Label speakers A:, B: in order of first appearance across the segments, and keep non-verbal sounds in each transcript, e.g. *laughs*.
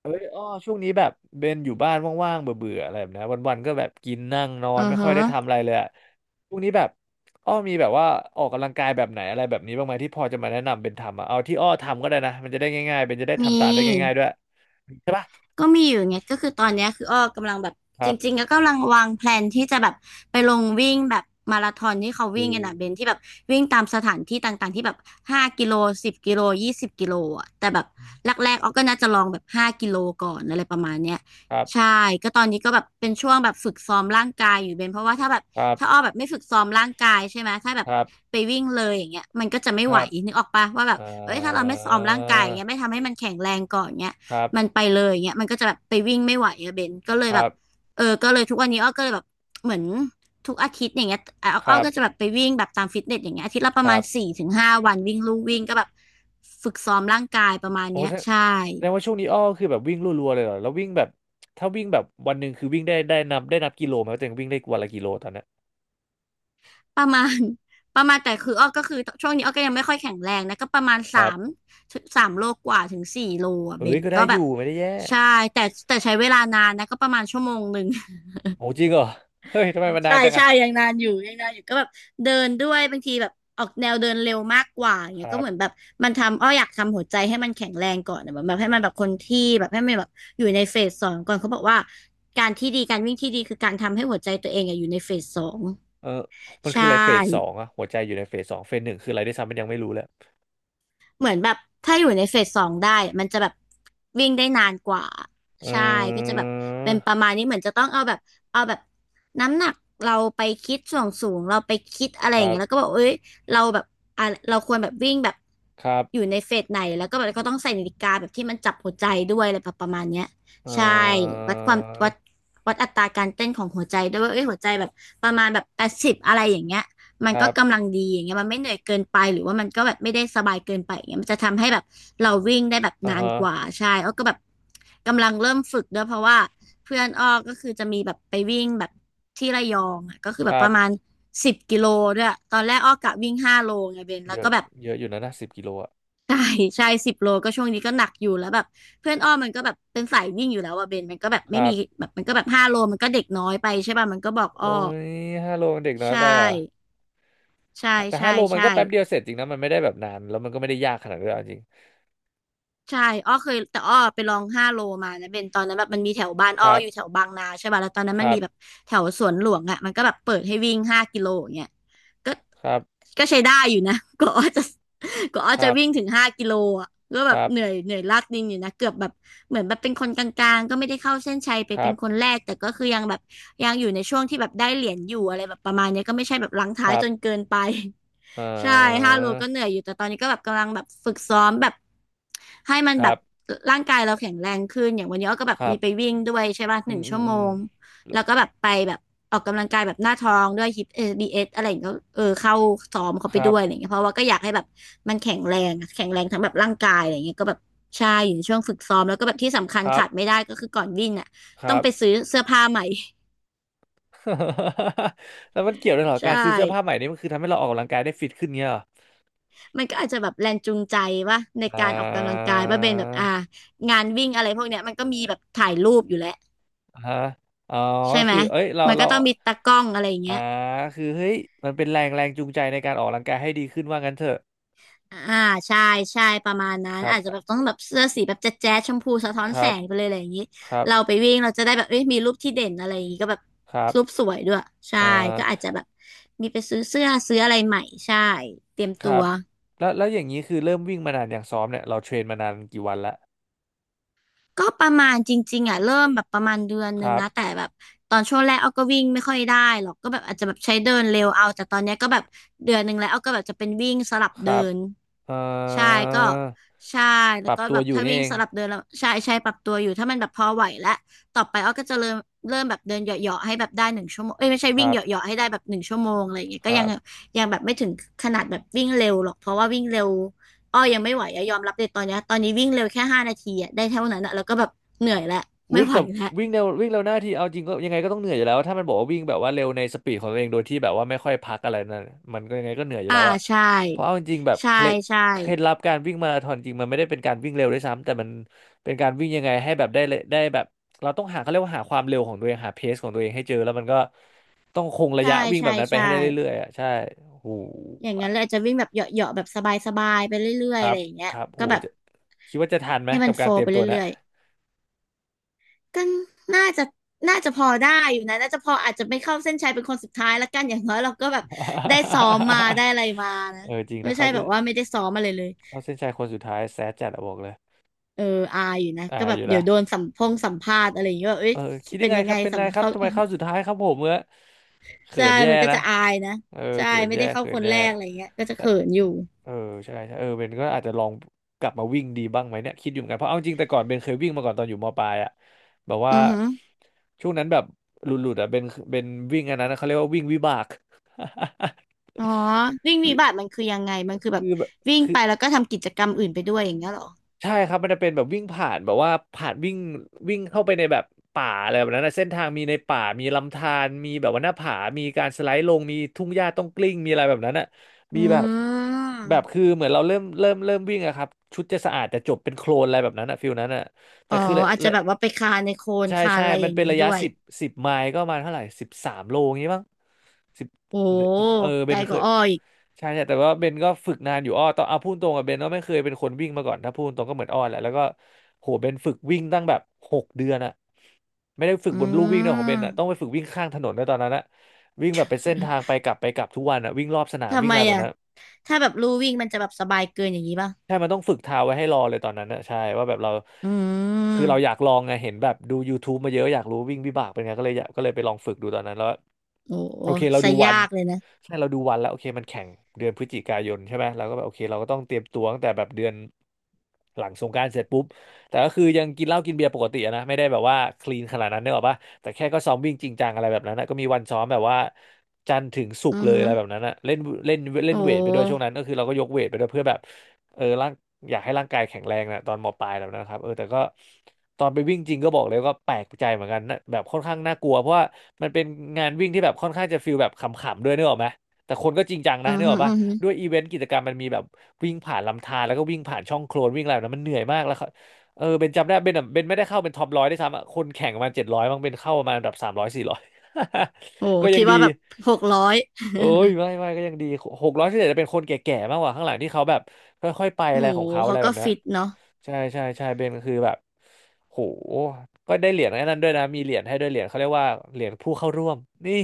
A: เอ้ยอ้อช่วงนี้แบบเบนอยู่บ้านว่างๆเบื่อๆอะไรแบบนี้วันๆก็แบบกินนั่งนอ
B: อื
A: น
B: อ
A: ไม่ค่
B: ฮะ
A: อยได้ทำอะไรเลยอะช่วงนี้แบบอ้อมีแบบว่าออกกำลังกายแบบไหนอะไรแบบนี้บ้างไหมที่พอจะมาแนะนำเบนทำอะเอาที่อ้อทำก็ได้นะมันจะได้ง่ายๆเบนจะได้
B: ม
A: ทำตามได้ง่าย
B: ี
A: ๆด้วยใช่ปะ
B: ก็มีอยู่ไงก็คือตอนเนี้ยคืออ้อกำลังแบบ
A: ค
B: จ
A: รั
B: ริ
A: บ
B: งๆก็กำลังวางแพลนที่จะแบบไปลงวิ่งแบบมาราธอนที่เขา
A: อื
B: วิ่งกันนะเบน
A: ม
B: ที่แบบวิ่งตามสถานที่ต่างๆที่แบบห้ากิโลสิบกิโล20กิโลอ่ะแต่แบบแรกๆอ้อก็น่าจะลองแบบห้ากิโลก่อนอะไรประมาณเนี้ย
A: ครับ
B: ใช่ก็ตอนนี้ก็แบบเป็นช่วงแบบฝึกซ้อมร่างกายอยู่เบนเพราะว่าถ้าแบบ
A: ครั
B: ถ้าอ้อ
A: บ
B: แบบไม่ฝึกซ้อมร่างกายใช่ไหมถ้าแบ
A: ค
B: บ
A: รับ
B: ไปวิ่งเลยอย่างเงี้ยมันก็จะไม่
A: ค
B: ไห
A: รั
B: ว
A: บ
B: นึกออกปะว่าแบบ
A: อ่า
B: เอ้ยถ้าเราไม่ซ้อมร่างกายอย่างเงี้ยไม่ทำให้มันแข็งแรงก่อนเงี้ย
A: ครับ
B: มันไปเลยเงี้ยมันก็จะแบบไปวิ่งไม่ไหวอะเบนก็เล
A: ค
B: ยแบ
A: รั
B: บ
A: บ
B: เออก็เลยทุกวันนี้อ้อก็เลยแบบเหมือนทุกอาทิตย์อย่างเงี้ยอ้อ
A: ค
B: อ้
A: รั
B: อก็จะแบ
A: บ
B: บไปวิ่งแบบตามฟิตเนสอย่างเงี้ยอาทิตย์ละป
A: ค
B: ระมา
A: รั
B: ณ
A: บ
B: 4ถึง5วันวิ่งลู่วิ่งก็แบบฝึกซ้อมร่างกายประมาณ
A: โอ้
B: เนี้ย
A: แสด
B: ใช่
A: แสดงว่าช่วงนี้อ้อคือแบบวิ่งรัวๆเลยเหรอแล้ววิ่งแบบถ้าวิ่งแบบวันหนึ่งคือวิ่งได้นับกิโลไหมว่าตัวเองวิ่งได้วันละกิโลตอนเนี้ย
B: ประมาณ *laughs* ประมาณแต่คืออ้อก็คือช่วงนี้อ้อก็ยังไม่ค่อยแข็งแรงนะก็ประมาณ
A: ครั
B: สาม
A: บ
B: สามโลกว่าถึง4โลอ่ะเบ
A: เอ้ย
B: น
A: ก็ได้
B: ก็
A: อ
B: แบบ
A: ยู่ไม่ได้แย่
B: ใช่แต่แต่ใช้เวลานานนะก็ประมาณ1ชั่วโมง
A: โอ้จริงเหรอ *laughs* เฮ้ยทำไมมันนา
B: ใช่
A: นจัง
B: ใช่
A: อะ
B: ยังนานอยู่ยังนานอยู่ก็แบบเดินด้วยบางทีแบบออกแนวเดินเร็วมากกว่าอย่าง
A: ค
B: เงี้ย
A: รั
B: ก็
A: บ
B: เหมือนแบบมันทำอ้ออยากทำหัวใจให้มันแข็งแรงก่อนอะแบบแบบให้มันแบบคนที่แบบให้มันแบบอยู่ในเฟสสองก่อนเขาบอกว่าการวิ่งที่ดีคือการทำให้หัวใจตัวเองอะอยู่ในเฟสสอง
A: เออมัน
B: ใช่
A: คืออะไรเฟสสองอะหัวใจอยู่ในเฟสสองเฟสหนึ่งคืออะไรได้วยซ้ำมันยังไม่รู้เลย
B: เหมือนแบบถ้าอยู่ในเฟสสองได้มันจะแบบวิ่งได้นานกว่า
A: อ
B: ใช่ก็
A: ื
B: จะแบบเป็นประ
A: ม
B: มาณนี้เหมือนจะต้องเอาแบบเอาแบบน้ำหนักเราไปคิดส่วนสูงเราไปคิดอะไร
A: ค
B: อย่า
A: รั
B: งเงี้ยแล้ว
A: บ
B: ก็บอกเอ้ยเราแบบอ่ะเราควรแบบวิ่งแบบ
A: ครับ
B: อยู่ในเฟสไหนแล้วก็แบบก็ต้องใส่นาฬิกาแบบที่มันจับหัวใจด้วยอะไรแบบประมาณเนี้ย
A: เอ่
B: ใช่
A: อ
B: วัดความวัดวัดอัตราการเต้นของหัวใจด้วยว่าเอ้ยหัวใจแบบประมาณแบบ80อะไรอย่างเงี้ย มั
A: ค
B: น
A: รั
B: ก็
A: บ
B: กำลังดีอย่างเงี้ยมันไม่เหนื่อยเกินไปหรือว่ามันก็แบบไม่ได้สบายเกินไปอย่างเงี้ยมันจะทำให้แบบเราวิ่งได้แบบ
A: อ่า
B: นาน
A: ฮะ
B: กว่าใช่อ้อก็แบบกำลังเริ่มฝึกด้วยเพราะว่าเพื่อนอ้อก็คือจะมีแบบไปวิ่งแบบที่ระยองอ่ะก็คือ
A: ค
B: แบบ
A: รั
B: ป
A: บ
B: ระมาณสิบกิโลด้วยตอนแรกอ้อกะวิ่งห้าโลไงเบน
A: เย
B: แล้ว
A: อะ
B: ก็แบบ *laughs*
A: เยอะอยู่นะ10 กิโลอะ
B: ใช่ใช่10โลก็ช่วงนี้ก็หนักอยู่แล้วแบบเพื่อนอ้อมันก็แบบเป็นสายวิ่งอยู่แล้วอะเบนมันก็แบบ
A: ค
B: ไม่
A: รั
B: มี
A: บ
B: แบบมันก็แบบห้าโลมันก็เด็กน้อยไปใช่ป่ะมันก็บอกอ้อ
A: โอ้ยห้าโลเด็กน้อย
B: ใช่
A: ไปเหรอ
B: ใช่
A: แต่
B: ใช่
A: ห้าโลมัน
B: ใช่
A: ก็แป๊บเดียวเสร็จจริงนะมันไม่ได้แบบนานแล้วมันก็ไม่ได้ยากขนาดนั้นด้วยเอาจริง
B: ใช่อ้อเคยแต่อ้อไปลองห้าโลมานะเป็นตอนนั้นแบบมันมีแถวบ้าน
A: ค
B: อ้อ
A: รับ
B: อยู่แถวบางนาใช่ป่ะแล้วตอนนั้น
A: ค
B: มัน
A: รั
B: มี
A: บ
B: แบบแถวสวนหลวงอ่ะมันก็แบบเปิดให้วิ่งห้ากิโลอย่างเงี้ยก็
A: ครับ
B: ก็ใช้ได้อยู่นะ *laughs* ก็อ้อจะก็อ้อ
A: ค
B: จะ
A: รับ
B: วิ่งถึงห้ากิโลอ่ะก็
A: ค
B: แบบ
A: รับ
B: เหนื่อยเหนื่อยลากดินอยู่นะเกือบแบบเหมือนแบบเป็นคนกลางๆก็ไม่ได้เข้าเส้นชัยไป
A: ครั
B: เป็น
A: บ
B: คนแรกแต่ก็คือยังแบบยังอยู่ในช่วงที่แบบได้เหรียญอยู่อะไรแบบประมาณเนี้ยก็ไม่ใช่แบบหลัง
A: ค
B: ท้าย
A: รับ
B: จนเกินไป
A: เอ่
B: ใช่
A: อ
B: 5โลก็เหนื่อยอยู่แต่ตอนนี้ก็แบบกำลังแบบฝึกซ้อมแบบให้มัน
A: ค
B: แบ
A: รั
B: บ
A: บ
B: ร่างกายเราแข็งแรงขึ้น อย่างวันนี้อ้อก็แบบ
A: ครั
B: มี
A: บ
B: ไปวิ่งด้วยใช่ป่ะ
A: อื
B: หนึ่
A: ม
B: ง
A: อื
B: ชั่
A: ม
B: ว
A: อื
B: โม
A: ม
B: ง แล้วก็แบบไปแบบออกกำลังกายแบบหน้าท้องด้วยฮิปเอบีเอสอะไรอย่างเงี้ยก็เออเข้าซ้อมเขา
A: ค
B: ไป
A: รั
B: ด้
A: บ
B: วยอะไรอย่างเงี้ยเพราะว่าก็อยากให้แบบมันแข็งแรงอะแข็งแรงทั้งแบบร่างกายอะไรอย่างเงี้ยก็แบบใช่อยู่ในช่วงฝึกซ้อมแล้วก็แบบที่สำคั
A: ค
B: ญ
A: รั
B: ขาดไม่
A: บ
B: ได้ก็คือก่อนวิ่งอ่ะ
A: ครั
B: ต้อง
A: บ
B: ไปซื้อเสื้อผ้าใหม่
A: *laughs* แล้วมันเกี่ยวด้วยเหร
B: *laughs*
A: อ
B: ใช
A: การซื้อเสื้อผ้าใหม่
B: ่
A: นี่มันคือทำให้เราออกกำลังกายได้ฟิตขึ้นเงี้ยเหรอ
B: มันก็อาจจะแบบแรงจูงใจว่าใน
A: อ่า
B: การออกกำลังกายว่าเป็นแบบงานวิ่งอะไรพวกเนี้ยมันก็มีแบบถ่ายรูปอยู่แล้ว
A: ฮะอ๋อ
B: ใช่
A: ก็
B: ไหม
A: คือเอ้ยเรา
B: มันก็
A: เรา
B: ต้องมีตากล้องอะไรอย่าง
A: อ่า
B: เงี้ย
A: คือเฮ้ยมันเป็นแรงแรงจูงใจในการออกกำลังกายให้ดีขึ้นว่างั้นเถอะ
B: อ่าใช่ใช่ประมาณนั้
A: ค
B: น
A: รับ
B: อาจจะแบบต้องแบบเสื้อสีแบบแจ๊ดแจ๊ดชมพูสะท้อน
A: ค
B: แส
A: รับ
B: งไปเลยอะไรอย่างนี้
A: ครับ
B: เราไปวิ่งเราจะได้แบบเอ้ยมีรูปที่เด่นอะไรอย่างนี้ก็แบบ
A: ครับ
B: รูปสวยด้วยใช่
A: อ่
B: ก็อาจ
A: า
B: จะแบบมีไปซื้อเสื้อซื้ออะไรใหม่ใช่เตรียม
A: ค
B: ตั
A: รั
B: ว
A: บแล้ว อย่างนี้ คือ เริ่ม วิ่ง มานาน อย่างซ้อม เนี่ย เราเทรนมานาน กี่ วันละ
B: ก็ประมาณจริงๆอ่ะเริ่มแบบประมาณเดือนห
A: ค
B: นึ่ง
A: รับ
B: นะแต่แบบตอนช่วงแรกเอาก็วิ่งไม่ค่อยได้หรอกก็แบบอาจจะแบบใช้เดินเร็วเอาแต่ตอนเนี้ยก็แบบเดือนหนึ่งแล้วเอาก็แบบจะเป็นวิ่งสลับ
A: ค
B: เดิ
A: รับ
B: น
A: เอ่อ
B: ใช่ก็ใช่แล้
A: ป
B: ว
A: รับ
B: ก็
A: ตั
B: แบ
A: ว
B: บ
A: อยู่
B: ถ้า
A: นี่
B: วิ่
A: เอ
B: ง
A: ง
B: สลับเดินแล้วใช่ใช่ปรับตัวอยู่ถ้ามันแบบพอไหวแล้วต่อไปอ้อก็จะเริ่มแบบเดินเหยาะๆให้แบบได้หนึ่งชั่วโมงเอ้ยไม่ใช่
A: ค
B: วิ่ง
A: รั
B: เห
A: บ
B: ยาะๆให้ได้แบบหนึ่งชั่วโมงอะไรอย่างเงี้ย
A: ค
B: ก็ยั
A: รั
B: ง
A: บ
B: ยังแบบไม่ถึงขนาดแบบวิ่งเร็วหรอกเพราะว่าวิ่งเร็วอ้อยังไม่ไหวอะยอมรับเลยตอนนี้วิ่งเร็วแค่ห้านาทีอะได้เท่านั้นอะแล้วก็แบบเหนื่อยแล้วไม่
A: วิ่ง
B: ไหว
A: แต่
B: แล้ว
A: วิ่งเร็วหน้าที่เอาจริงก็ยังไงก็ต้องเหนื่อยอยู่แล้วถ้ามันบอกว่าวิ่งแบบว่าเร็วในสปีดของตัวเองโดยที่แบบว่าไม่ค่อยพักอะไรนั่นมันก็ยังไงก็เหนื่อยอยู่
B: อ่า
A: แล้วอะ
B: ใช่
A: เพราะเอาจริงๆแบบ
B: ใช่ใช่
A: เคล็ดลับการวิ่งมาราธอนจริงมันไม่ได้เป็นการวิ่งเร็วด้วยซ้ำแต่มันเป็นการวิ่งยังไงให้แบบได้เลยได้แบบเราต้องหาเขาเรียกว่าหาความเร็วของตัวเองหาเพสของตัวเองให้เจอแล้วมันก็ต้องคงระ
B: ใช่
A: ยะวิ่งแบ
B: ใช่
A: บนั้นไป
B: ใช่
A: ให้ได้เรื่อยๆอะใช่โห
B: อย่าง
A: อะ
B: นั้นเลยอาจจะวิ่งแบบเหยาะๆแบบสบายๆไปเรื่
A: ค
B: อยๆ
A: รั
B: อะ
A: บ
B: ไรอย่างเงี้
A: ค
B: ย
A: รับโห
B: ก็แบบ
A: จะคิดว่าจะทันไหม
B: ให้มั
A: กั
B: น
A: บ
B: โฟ
A: กา
B: ล
A: รเตรี
B: ว์
A: ย
B: ไป
A: มตัวนะ
B: เรื่อยๆก็น่าจะน่าจะพอได้อยู่นะน่าจะพออาจจะไม่เข้าเส้นชัยเป็นคนสุดท้ายละกันอย่างน้อยเราก็แบบได้ซ้อมมาได้อะ
A: *laughs*
B: ไรมานะ
A: เออจริง
B: ไม่
A: ถ้า
B: ใช่
A: เขา
B: แบบว่าไม่ได้ซ้อมอะไรเลย
A: เข้าเส้นชัยคนสุดท้ายแซดจัดอะบอกเลย
B: เอออายอยู่นะ
A: อ่า
B: ก็แบ
A: อ
B: บ
A: ยู่
B: เดี๋
A: ละ
B: ยวโดนสัมภาษณ์อะไรอย่างเงี้ยว่าเอ้ย
A: เออคิดยั
B: เป็น
A: งไง
B: ยัง
A: ค
B: ไง
A: รับเป็น
B: สั
A: ไร
B: ม
A: ครับ
B: เขา
A: ทำไมเข้าสุดท้ายครับผมเมื่อ
B: *laughs*
A: เขิ
B: ใช่
A: นแย่
B: มันก็
A: นะ
B: จะอายนะ
A: เออ
B: ใช่
A: เขิน
B: ไม่
A: แย่
B: ได้เข้า
A: เขิ
B: ค
A: น
B: น
A: แย่
B: แรกอะไรอย่างเงี้ยก็จะ
A: และ
B: เขินอยู่
A: เออใช่ใช่เออเบนก็อาจจะลองกลับมาวิ่งดีบ้างไหมเนี่ยคิดอยู่เหมือนกันเพราะเอาจริงแต่ก่อนเบนเคยวิ่งมาก่อนตอนอยู่มปลายอะแบบ
B: อื
A: ว่า
B: อฮึ
A: ช่วงนั้นแบบหลุดๆอะเบนวิ่งอันนั้นนะเขาเรียกว่าวิ่งวิบาก
B: อ๋อวิ่งวิบัติมันคือยังไงมัน
A: *laughs*
B: คือแบ
A: คื
B: บ
A: อแบบ
B: วิ่ง
A: คือ
B: ไปแล้วก็ทำกิจกรรมอื่นไปด้วยอย่างเงี้ยเหรอ
A: ใช่ครับมันจะเป็นแบบวิ่งผ่านแบบว่าผ่านวิ่งวิ่งเข้าไปในแบบป่าอะไรแบบนั้นนะเส้นทางมีในป่ามีลำธารมีแบบว่าหน้าผามีการสไลด์ลงมีทุ่งหญ้าต้องกลิ้งมีอะไรแบบนั้นอ่ะ
B: อื
A: มีแบบ แบบ
B: ม
A: คือเหมือนเราเริ่มวิ่งอะครับชุดจะสะอาดแต่จบเป็นโคลนอะไรแบบนั้นอะฟิลนั้นอะแต่
B: อ๋อ
A: คือระ
B: อาจจะ
A: ระ
B: แบบว่าไปคานในโคลน
A: ใช่
B: คาน
A: ใช่
B: อะไรอ
A: มัน
B: ย่าง
A: เป็น
B: นี้
A: ระยะ
B: ด้วย
A: 10 ไมล์ก็ประมาณเท่าไหร่13 โลงี้มั้งสิบ
B: โอ้
A: เออ
B: ไก
A: เบ
B: ล
A: น
B: ก
A: เค
B: ว่า
A: ย
B: อ้ออีก
A: ใช่ใช่แต่ว่าเบนก็ฝึกนานอยู่อ้อตอนเอาพูดตรงกับเบนก็ไม่เคยเป็นคนวิ่งมาก่อนถ้าพูดตรงก็เหมือนอ้อแหละแล้วก็โหเบนฝึกวิ่งตั้งแบบ6 เดือนอะไม่ได้ฝึก
B: อื
A: บนลู่วิ่งนะของเบนอะต้องไป
B: ม
A: ฝึกวิ่งข้างถนนด้วยตอนนั้นอะวิ่งแบบเป็นเส้นทางไป
B: *laughs*
A: กลับไปกลับทุกวันอะวิ่งรอบสนาม
B: ทำ
A: วิ่ง
B: ไม
A: อะไรแบบ
B: อ่ะ
A: นั้น
B: ถ้าแบบลู่วิ่งมันจะแบบสบายเกินอย่างนี้ป่ะ
A: ใช่มันต้องฝึกเท้าไว้ให้รอเลยตอนนั้นนะใช่ว่าแบบเรา
B: อื
A: คือเราอยาก
B: ม
A: ลองไงเห็นแบบดู YouTube มาเยอะอยากรู้วิ่งวิบากเป็นไงก็เลยอยากก็เลยไปลองฝึกดูตอนนั้นแล้ว
B: โอ้
A: โอเคเรา
B: ซะ
A: ดูวั
B: ยา
A: น
B: กเลยนะ
A: ใช่เราดูวันแล้วโอเคมันแข่งเดือนพฤศจิกายนใช่ไหมเราก็แบบโอเคเราก็ต้องเตรียมตัวตั้งแต่แบบเดือนหลังสงกรานต์เสร็จปุ๊บแต่ก็คือยังกินเหล้ากินเบียร์ปกติอะนะไม่ได้แบบว่าคลีนขนาดนั้นเนกออปะแต่แค่ก็ซ้อมวิ่งจริงจังอะไรแบบนั้นนะก็มีวันซ้อมแบบว่าจันทร์ถึงศุ
B: อื
A: กร์
B: อ
A: เลย
B: ฮึ
A: อะไรแบบนั้นอะเล่นเล่นเล่
B: โอ
A: นเวทไปด้วยช่วง
B: ้
A: นั้นก็คือเราก็ยกเวทไปด้วยเพื่อแบบ เออร่างอยากให้ร่างกายแข็งแรงนะตอนมปลายแล้วนะครับเออแต่ก็ตอนไปวิ่งจริงก็บอกเลยว่าแปลกใจเหมือนกันนะแบบค่อนข้างน่ากลัวเพราะว่ามันเป็นงานวิ่งที่แบบค่อนข้างจะฟิลแบบขำๆด้วยนึกออกไหมแต่คนก็จริงจังนะ
B: อือ
A: นึกอ
B: ฮึ
A: อก
B: อื
A: ปะ
B: อฮึ
A: ด้วยอีเวนต์กิจกรรมมันมีแบบวิ่งผ่านลำธารแล้วก็วิ่งผ่านช่องโคลนวิ่งอะไรแบบนั้นมันเหนื่อยมากแล้วเขาเออเบนจำได้เบนอะเบนไม่ได้เข้าเป็นท็อปร้อยได้วยซ้ำอะคนแข่งประมาณเจ็ดร้อยบางเบนเข้าประมาณแบบสามร้อยสี่ร้อย
B: โอ้
A: *laughs* ก็ยั
B: คิ
A: ง
B: ด
A: ดี
B: ว่าแบบหกร้อย
A: เอ้ยไม่ก็ยังดีหกร้อยที่เหลือจะเป็นคนแก่ๆมากกว่าข้างหลังที่เขาแบบค่อยๆไป
B: *laughs*
A: อะไร
B: โอ้
A: ของเขาอะ
B: เขา
A: ไรแบ
B: ก็
A: บนี้น
B: ฟิตเนาะ
A: ใช่ใช่ใช่เบนกคือแบบโหก็ได้เหรียญไอ้นั้นด้วยนะมีเหรียญให้ด้วยเหรียญเขาเรียกว่าเหรียญผู้เข้าร่วมนี่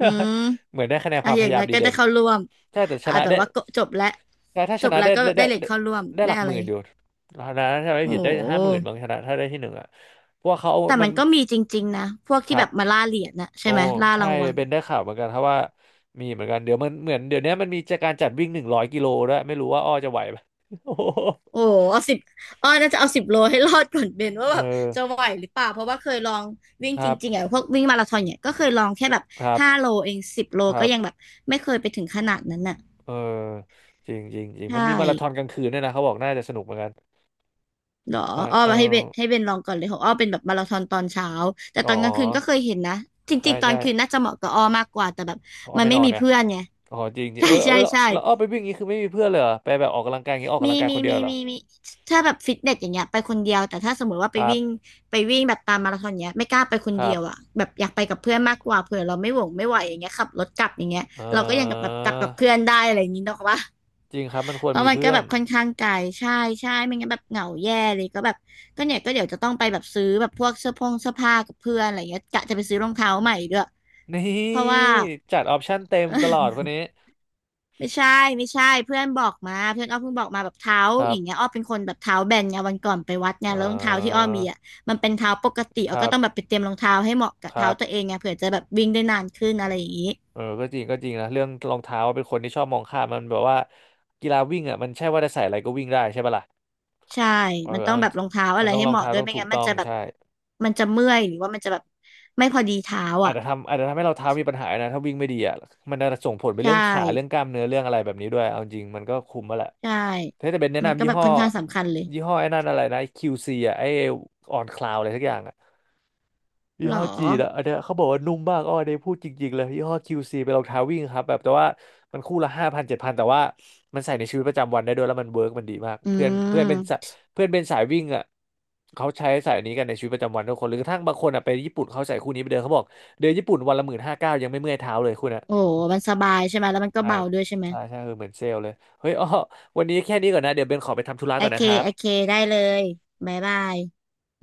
B: อืม
A: เหมือนได้คะแนนค
B: อ่ะ
A: วาม
B: อ
A: พ
B: ย่าง
A: ยายา
B: น้อ
A: ม
B: ย
A: ดี
B: ก็
A: เด่
B: ได้
A: น
B: เข้าร่วม
A: ใช่แต่ช
B: อ่ะ
A: นะ
B: แบบ
A: ได้
B: ว่าก็จบแล้ว
A: แต่ถ้า
B: จ
A: ช
B: บ
A: นะ
B: แล้ว
A: ได้
B: ก็
A: ได้
B: ได้
A: ได้
B: เหรียญ
A: ได้
B: เข้าร่วม
A: ได้ห
B: ได้
A: ลัก
B: อะ
A: ห
B: ไร
A: มื่นอยู่นะถ้าไม่
B: โอ้
A: ผิดได้
B: โ
A: ห้าหมื่นบาง
B: ห
A: ชนะถ้าได้ที่หนึ่งอ่ะเพราะว่าเขาเอา
B: แต่
A: มั
B: มั
A: น
B: นก็มีจริงๆนะ พวก
A: ค
B: ที่
A: รั
B: แบ
A: บ
B: บมาล่าเหรียญนะ
A: โอ้
B: ใช่ไหมล่า
A: ใช่
B: รางวัล
A: เป็นได้ข่าวเหมือนกันครับว่ามีเหมือนกันเดี๋ยวมันเหมือนเดี๋ยวเนี้ยมันมีจะการจัดวิ่งหนึ่งร้อยกิโลด้วยไม่รู้ว่าอ้อจะไหวไหม *laughs* โอ้โห
B: โอ้โหเอาสิบอ้อน่าจะเอาสิบโลให้รอดก่อนเบนว่า
A: เอ
B: แบบ
A: อ
B: จะไหวหรือเปล่า เพราะว่าเคยลองวิ่ง
A: ค
B: จ
A: รับ
B: ริงๆอ่ะพวกวิ่งมาราธอนเนี่ยก็เคยลองแค่แบบ
A: ครั
B: ห้า
A: บ
B: โลเองสิบโล
A: ครั
B: ก็ยัง
A: บ
B: แบบไม่เคยไปถึงขนาดนั้นน่ะ
A: เออจริงจริงจริงมั
B: ใช่
A: นมีมาราธอนกลางคืนด้วยนะเขาบอกน่าจะสนุกเหมือนกัน
B: เหรอ
A: ใช่
B: อ้อ
A: เออ
B: มาให้เบนลองก่อนเลยของอ้อเป็นแบบมาราธอนตอนเช้าแต่
A: อ๋อ
B: ตอนก
A: อ๋
B: ลางคืนก็เค
A: อ
B: ยเห็นนะจ
A: ใช่
B: ริงๆตอน
A: ใช่
B: คืนน่าจะเหมาะกับอ้อมากกว่าแต่แบบ
A: อ้อ
B: มัน
A: ไม่
B: ไม่
A: นอน
B: มี
A: เนี่ย
B: เพื่อนไง
A: อ๋อจริงจ
B: *laughs*
A: ริง
B: ใช่
A: เออเอ
B: ใช่
A: อแล้ว
B: ใช่
A: แล้วอ้อไปวิ่งอย่างนี้คือไม่มีเพื่อนเลยเหรอไปแบบออกกำลังกายอย่างนี้ออกกำ
B: มี
A: ลังกาย
B: มี
A: คนเดีย
B: มี
A: วเหรอ
B: มีมีถ้าแบบฟิตเนสอย่างเงี้ยไปคนเดียวแต่ถ้าสมมติว่า
A: ค
B: ไป
A: รั
B: วิ่ง
A: บ
B: แบบตามมาราธอนเงี้ยไม่กล้าไปคน
A: ครั
B: เดี
A: บ
B: ยวอ่ะแบบอยากไปกับเพื่อนมากกว่าเผื่อเราไม่หวงไม่ไหวอย่างเงี้ยขับรถกลับอย่างเงี้ย
A: เอ
B: เราก็ยังกับแบบ
A: อ
B: กลับกับเพื่อนได้อะไรอย่างงี้เนาะว่า
A: จริงครับมันคว
B: เพ
A: ร
B: ราะ
A: มี
B: มันก็
A: เพื่อ
B: แบ
A: น
B: บค่อนข้างไกลใช่ใช่ไม่งั้นแบบเหงาแย่เลยก็แบบก็เนี่ยก็เดี๋ยวจะต้องไปแบบซื้อแบบพวกเสื้อผงเสื้อผ้ากับเพื่อนอะไรเงี้ยกะจะไปซื้อรองเท้าใหม่ด้วย
A: นี่
B: เพราะว่า
A: จัดออปชั่นเต็มตลอด
B: *laughs*
A: คนนี้
B: ไม่ใช่ไม่ใช่เพื่อนอ้อเพิ่งบอกมาแบบเท้า
A: ครั
B: อ
A: บ
B: ย่างเงี้ยอ้อเป็นคนแบบเท้าแบนไงวันก่อนไปวัดไง
A: อ่
B: แล้วรองเท้าที่อ้อ
A: า
B: มีอ่ะมันเป็นเท้าปกติ
A: ค
B: อ้อ
A: รั
B: ก็
A: บ
B: ต้องแบบไปเตรียมรองเท้าให้เหมาะกับ
A: ค
B: เท้า
A: รับ
B: ตัวเองไงเผื่อจะแบบวิ่งได้นานขึ้นอะไรอย่างงี้
A: เออก็จริงก็จริงนะเรื่องรองเท้าเป็นคนที่ชอบมองข้ามมันแบบว่ากีฬาวิ่งอ่ะมันใช่ว่าจะใส่อะไรก็วิ่งได้ใช่ปะล่ะ
B: ใช่
A: เออ
B: มันต้อ
A: เอา
B: งแบบรองเท้าอะ
A: มัน
B: ไร
A: ต้อง
B: ให้
A: รอ
B: เห
A: ง
B: มาะ
A: เท้า
B: ด้วย
A: ต้อง
B: ไม่
A: ถูก
B: งั้น
A: ต้
B: มัน
A: อง
B: จะแบบ
A: ใช่
B: มันจะเมื่อยหรือว่ามันจะแบบไม่พอดีเท้า
A: อาจ
B: อ่ะ
A: จะทำอาจจะทำให้เราเท้ามีปัญหานะถ้าวิ่งไม่ดีอ่ะมันจะส่งผลไป
B: ใช่
A: เรื่องขาเรื่องกล้ามเนื้อเรื่องอะไรแบบนี้ด้วยเอาจริงมันก็คุมมาแหละ
B: ใช่
A: ถ้าจะเป็นแนะ
B: มัน
A: นำ
B: ก็
A: ยี่
B: แบบ
A: ห้อ
B: ค่อนข้างสำคัญเลย
A: ยี่ห้อไอ้นั่นอะไรนะ QC อ่ะไอ้ออนคลาวอะไรสักอย่างอ่ะ ยี่
B: หรอ
A: ห้อจีนอะอันเนี้ยเขาบอกว่านุ่มมากอ้อได้พูดจริงๆเลยยี่ห้อคิวซีเป็นรองเท้าวิ่งครับแบบแต่ว่ามันคู่ละห้าพันเจ็ดพันแต่ว่ามันใส่ในชีวิตประจำวันได้ด้วยแล้วมันเวิร์กมันดีมาก
B: อื
A: เพื่อนเพื่อนเป็นสะ
B: ม
A: เพื่อนเป็นสายวิ่งอะเขาใช้สายนี้กันในชีวิตประจำวันทุกคนหรือกระทั่งบางคนอะไปญี่ปุ่นเขาใส่คู่นี้ไปเดินเขาบอกเดินญี่ปุ่นวันละหมื่นห้าเก้ายังไม่เมื่อยเท้าเลยคุณอะ
B: โอ้โห
A: โอ้
B: มันสบายใช่ไหมแล้วมันก็
A: ใช่
B: เบาด้วยใช่ไหม
A: ใช่ใช่คือเหมือนเซลล์เลยเฮ้ยอ้อวันนี้แค่นี้ก่อนนะเดี๋ยวเบนขอไปทำธุระ
B: โอ
A: ก่อน
B: เค
A: นะครั
B: โอเค
A: บ
B: ได้เลยบ๊ายบาย